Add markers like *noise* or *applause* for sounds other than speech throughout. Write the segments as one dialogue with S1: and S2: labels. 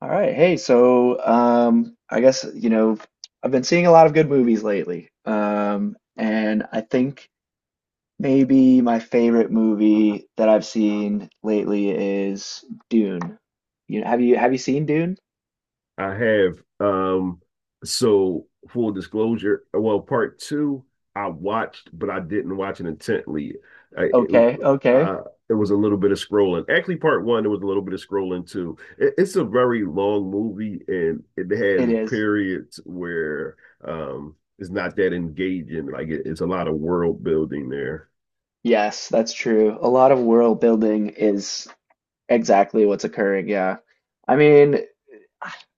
S1: All right. Hey, so I guess, I've been seeing a lot of good movies lately. And I think maybe my favorite movie that I've seen lately is Dune. Have you seen Dune?
S2: I have. So full disclosure, well, part two I watched, but I didn't watch it intently. I, it,
S1: Okay, okay.
S2: I, it was a little bit of scrolling. Actually, part one, there was a little bit of scrolling too. It's a very long movie, and it
S1: It
S2: has
S1: is.
S2: periods where it's not that engaging. Like it's a lot of world building there.
S1: Yes, that's true. A lot of world building is exactly what's occurring, yeah. I mean,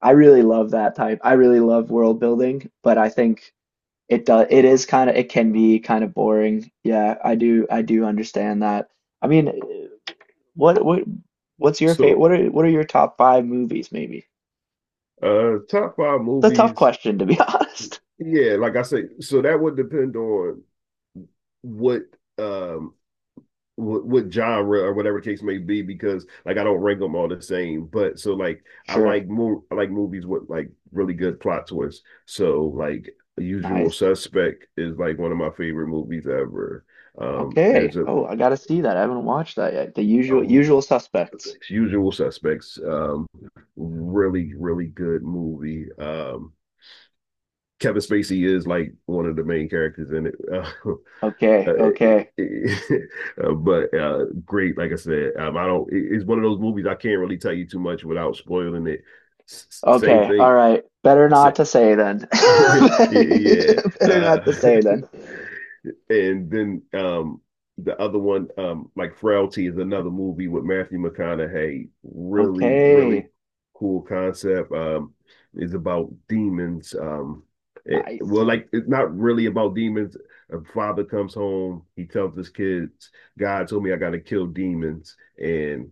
S1: I really love that type. I really love world building, but I think it does, it is kind of, it can be kind of boring. Yeah, I do understand that. I mean, what, what, what's your favorite,
S2: So,
S1: what are your top five movies, maybe?
S2: top five
S1: It's a tough
S2: movies.
S1: question, to be *laughs* honest.
S2: Yeah, like I say, so that would depend on what um what genre or whatever the case may be because like I don't rank them all the same. But so like
S1: Sure.
S2: I like movies with like really good plot twists. So like Usual
S1: Nice.
S2: Suspect is like one of my favorite movies ever.
S1: Okay.
S2: There's
S1: Oh, I gotta see that. I haven't watched that yet. The
S2: a
S1: usual suspects.
S2: Usual Suspects, really good movie. Kevin Spacey is like one of the main characters in it. *laughs* Uh,
S1: Okay,
S2: Uh,
S1: okay.
S2: it, it, *laughs* but great, like I said, I don't. It's one of those movies I can't really tell you too much without spoiling it. Same
S1: Okay. All
S2: thing.
S1: right. Better
S2: Sa-
S1: not to say then. *laughs*
S2: *laughs* yeah, yeah.
S1: Better not to
S2: Uh,
S1: say
S2: *laughs*
S1: then.
S2: and then the other one, like Frailty, is another movie with Matthew McConaughey. Really, really
S1: Okay.
S2: cool concept. Is about demons. Um, it,
S1: Nice.
S2: well, like it's not really about demons. A father comes home. He tells his kids, "God told me I got to kill demons." And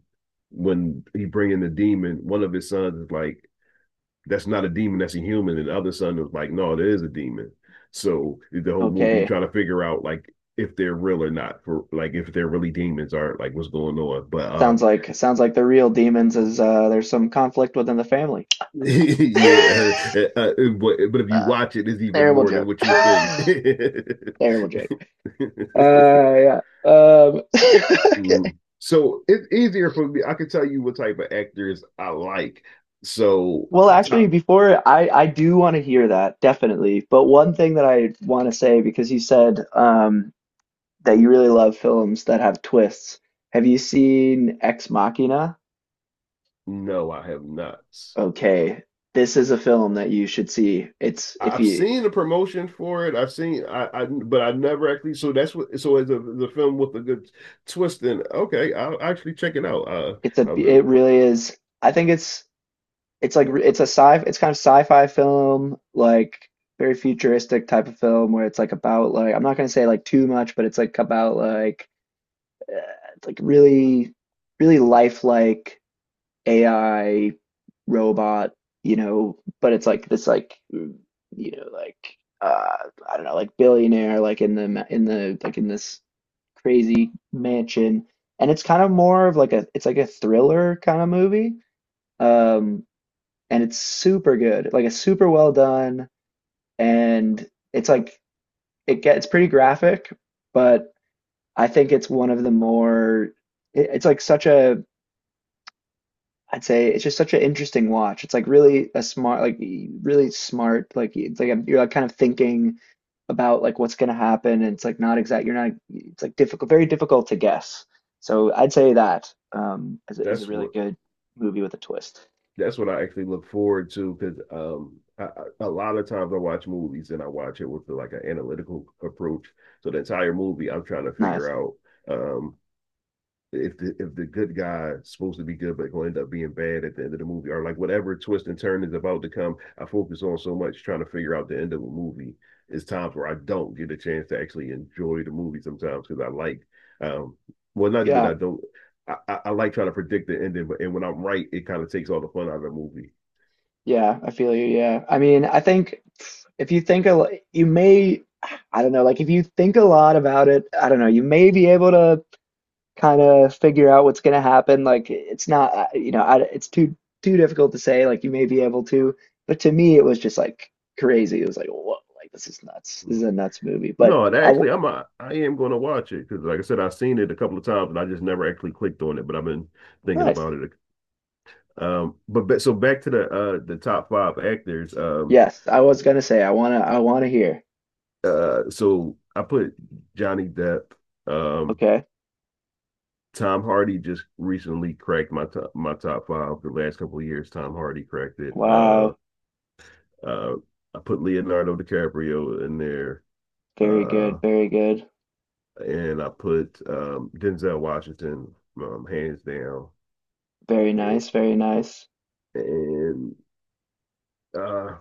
S2: when he bring in the demon, one of his sons is like, that's not a demon, that's a human. And the other son was like, no, there is a demon. So the whole movie, you
S1: Okay.
S2: try to figure out like if they're real or not, for like if they're really demons or like what's going on. But
S1: Sounds like sounds like the real demons is, there's some conflict within the family.
S2: *laughs* yeah,
S1: *laughs*
S2: but if you
S1: uh,
S2: watch it, it's even
S1: Terrible
S2: more than
S1: joke.
S2: what
S1: *laughs*
S2: you think.
S1: Terrible joke.
S2: *laughs*
S1: Yeah. *laughs* Okay.
S2: Mm. So it's easier for me. I can tell you what type of actors I like. So
S1: Well, actually,
S2: top,
S1: before I do want to hear that, definitely, but one thing that I want to say because you said that you really love films that have twists. Have you seen Ex Machina?
S2: no, I have not.
S1: Okay, this is a film that you should see. It's, if
S2: I've
S1: you,
S2: seen the promotion for it. I But I never actually, so that's what so it's a the film with a good twist in it. Okay, I'll actually check it out.
S1: it's a,
S2: I've
S1: it
S2: been
S1: really is. I think it's like it's kind of sci-fi film, like very futuristic type of film where it's like about, like, I'm not gonna say like too much, but it's like about, like, it's like really really lifelike AI robot, but it's like this, like, know like uh I don't know, like, billionaire like in the, like, in this crazy mansion, and it's kind of more of like a, it's like a thriller kind of movie. Um, and it's super good. Like, it's super well done, and it's like it gets pretty graphic, but I think it's one of the more, it, it's like such a, I'd say it's just such an interesting watch. It's like really a smart, like, really smart, like, it's like you're like kind of thinking about like what's going to happen, and it's like not exact, you're not, it's like difficult, very difficult to guess. So I'd say that is a
S2: that's
S1: really
S2: what
S1: good movie with a twist.
S2: that's what I actually look forward to because a lot of times I watch movies and I watch it with like an analytical approach. So the entire movie I'm trying to figure
S1: Nice.
S2: out um if the good guy is supposed to be good but gonna end up being bad at the end of the movie or like whatever twist and turn is about to come, I focus on so much trying to figure out the end of a movie. It's times where I don't get a chance to actually enjoy the movie sometimes because I like, um well, not even
S1: Yeah.
S2: I don't, I like trying to predict the ending, but and when I'm right, it kind of takes all the fun out of the movie.
S1: Yeah, I feel you. Yeah. I mean, I think if you think a lot, you may, I don't know, like if you think a lot about it, I don't know, you may be able to kind of figure out what's going to happen. Like, it's not, I, it's too difficult to say. Like, you may be able to, but to me, it was just like crazy. It was like, whoa, like, this is nuts. This is
S2: Mm.
S1: a nuts movie. But
S2: No, that
S1: I,
S2: actually, I am going to watch it because, like I said, I've seen it a couple of times, and I just never actually clicked on it. But I've been thinking
S1: nice.
S2: about it. But so back to the top five actors.
S1: Yes, I was gonna say I wanna hear.
S2: So I put Johnny Depp. Um,
S1: Okay.
S2: Tom Hardy just recently cracked my top five. The last couple of years, Tom Hardy cracked it.
S1: Wow.
S2: Uh, I put Leonardo DiCaprio in there,
S1: Very
S2: uh,
S1: good. Very good.
S2: and I put Denzel Washington, hands down,
S1: Very nice. Very nice.
S2: and uh,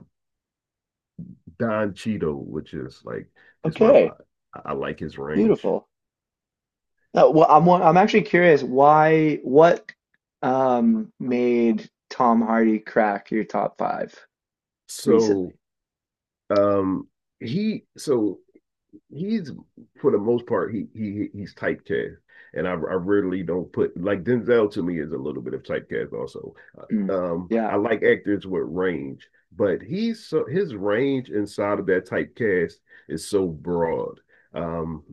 S2: Don Cheadle, which is like just my
S1: Okay.
S2: I like his range.
S1: Beautiful. Well, I'm actually curious why what made Tom Hardy crack your top five recently?
S2: So um, he so he's, for the most part, he's typecast, and I rarely don't put, like, Denzel to me is a little bit of typecast also.
S1: Mm. Yeah.
S2: I like actors with range, but he's so his range inside of that typecast is so broad. Um,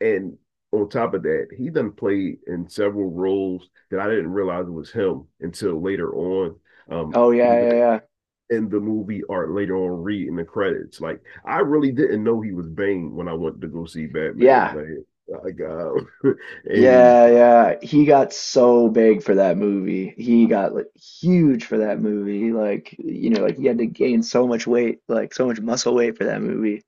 S2: and on top of that, he done played in several roles that I didn't realize it was him until later on. Um,
S1: Oh yeah, yeah,
S2: either
S1: yeah.
S2: in the movie or later on read in the credits. Like I really didn't know he was Bane when I went to go see Batman.
S1: Yeah.
S2: Like I got *laughs* and
S1: Yeah, yeah. He got so big for that movie. He got like huge for that movie. Like, you know, like he had to gain so much weight, like so much muscle weight for that movie. It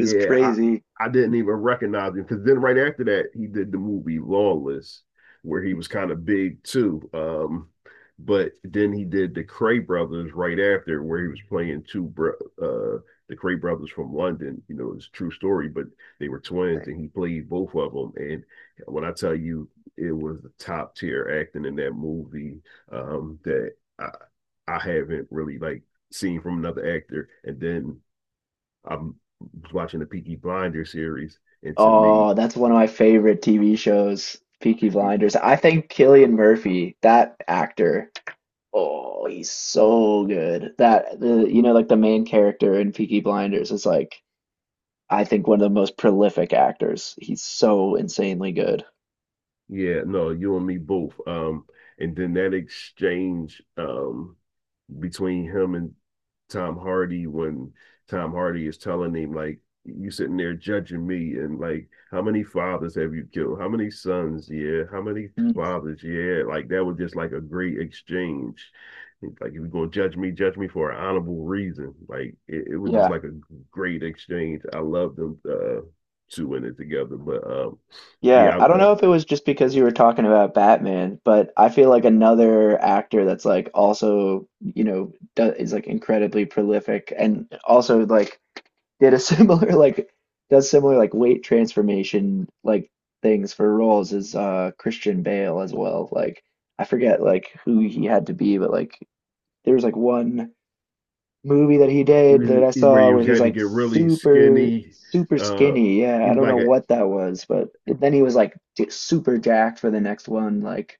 S1: was crazy.
S2: I didn't even recognize him because then right after that he did the movie Lawless, where he was kind of big too. But then he did the Cray Brothers right after, where he was playing uh the Cray Brothers from London. You know, it's a true story, but they were twins, and he played both of them. And when I tell you, it was the top tier acting in that movie, that I I haven't really like seen from another actor. And then I'm watching the Peaky Blinders series, and to me,
S1: Oh, that's one of my favorite TV shows, Peaky
S2: it,
S1: Blinders. I think Cillian Murphy, that actor, oh, he's so good. That, the, you know, like, the main character in Peaky Blinders is, like, I think one of the most prolific actors. He's so insanely good.
S2: yeah, no, you and me both. And then that exchange, between him and Tom Hardy, when Tom Hardy is telling him like, you sitting there judging me, and like, how many fathers have you killed, how many sons, yeah, how many
S1: Mm.
S2: fathers, yeah, like that was just like a great exchange, like if you're going to judge me, judge me for an honorable reason, like it was just
S1: Yeah.
S2: like a great exchange. I love them two in it together. But
S1: Yeah,
S2: yeah,
S1: I don't know if it was just because you were talking about Batman, but I feel like another actor that's like also, you know, do, is like incredibly prolific and also like did a *laughs* similar like does similar like weight transformation like things for roles is Christian Bale as well. Like, I forget like who he had to be, but like there was like one movie that he did that I
S2: where
S1: saw
S2: he
S1: where
S2: was
S1: he was
S2: going to
S1: like
S2: get really
S1: super,
S2: skinny,
S1: super
S2: uh
S1: skinny. Yeah,
S2: he
S1: I
S2: was
S1: don't know
S2: like a,
S1: what that was, but it, then he was like super jacked for the next one, like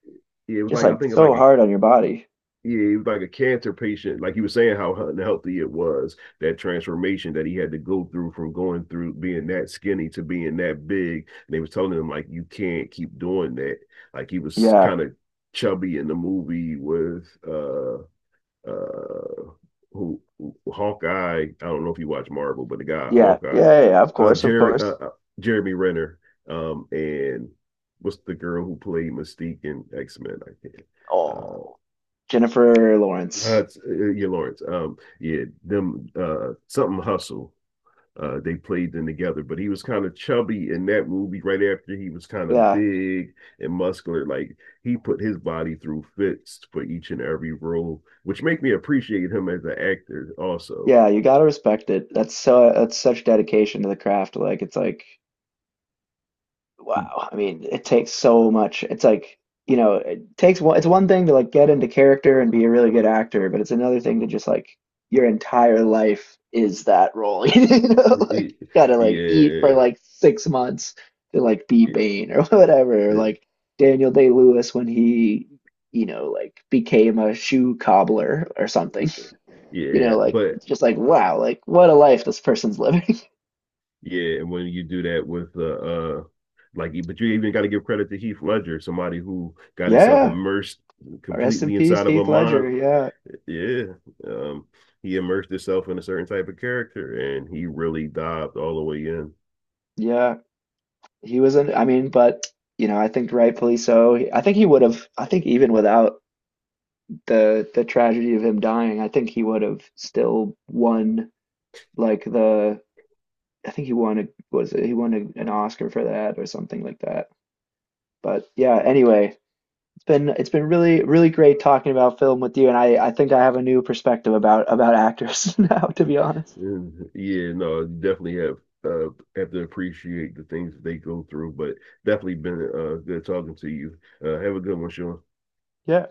S2: it was
S1: just
S2: like, I
S1: like
S2: think, like
S1: so
S2: a,
S1: hard on your body.
S2: yeah, he was like a cancer patient. Like he was saying how unhealthy it was, that transformation that he had to go through from going through being that skinny to being that big. And they was telling him, like, you can't keep doing that. Like he was
S1: Yeah,
S2: kind of chubby in the movie with uh Hawkeye. I don't know if you watch Marvel, but the guy
S1: yeah, yeah,
S2: Hawkeye,
S1: yeah, yeah, of course, of
S2: Jerry
S1: course.
S2: Jeremy Renner, and what's the girl who played Mystique in X-Men, I think. Uh
S1: Oh, Jennifer Lawrence.
S2: yeah, Lawrence. Yeah, them, something hustle. They played them together, but he was kind of chubby in that movie. Right after he was kind of
S1: Yeah,
S2: big and muscular, like he put his body through fits for each and every role, which make me appreciate him as an actor. Also,
S1: yeah, you gotta respect it. That's such dedication to the craft. Like, it's like, wow. I mean, it takes so much. It's like, you know, it takes one, it's one thing to like get into character and be a really good actor, but it's another thing to just like your entire life is that role. *laughs*
S2: yeah,
S1: Like gotta like eat for
S2: yeah,
S1: like 6 months to like be
S2: yeah.
S1: Bane or *laughs* whatever, or like Daniel Day-Lewis when he, you know, like became a shoe cobbler or something.
S2: Yeah,
S1: Like
S2: but
S1: it's just like wow, like what a life this person's living. *laughs*
S2: yeah, and when you do that with like, but you even got to give credit to Heath Ledger, somebody who got himself
S1: Yeah.
S2: immersed
S1: Rest in
S2: completely
S1: peace,
S2: inside of a
S1: Heath
S2: mind.
S1: Ledger. Yeah.
S2: Yeah, um, he immersed himself in a certain type of character, and he really dived all the way in.
S1: Yeah. He was in, I mean, but you know, I think rightfully so. I think he would have, I think even without the tragedy of him dying, I think he would have still won like the, I think he won a, was it, he won a, an Oscar for that or something like that. But yeah, anyway, it's been really really great talking about film with you, and I think I have a new perspective about actors *laughs* now, to be honest.
S2: And, yeah, no, you definitely uh, have to appreciate the things that they go through, but definitely been good talking to you. Have a good one, Sean.
S1: Yeah.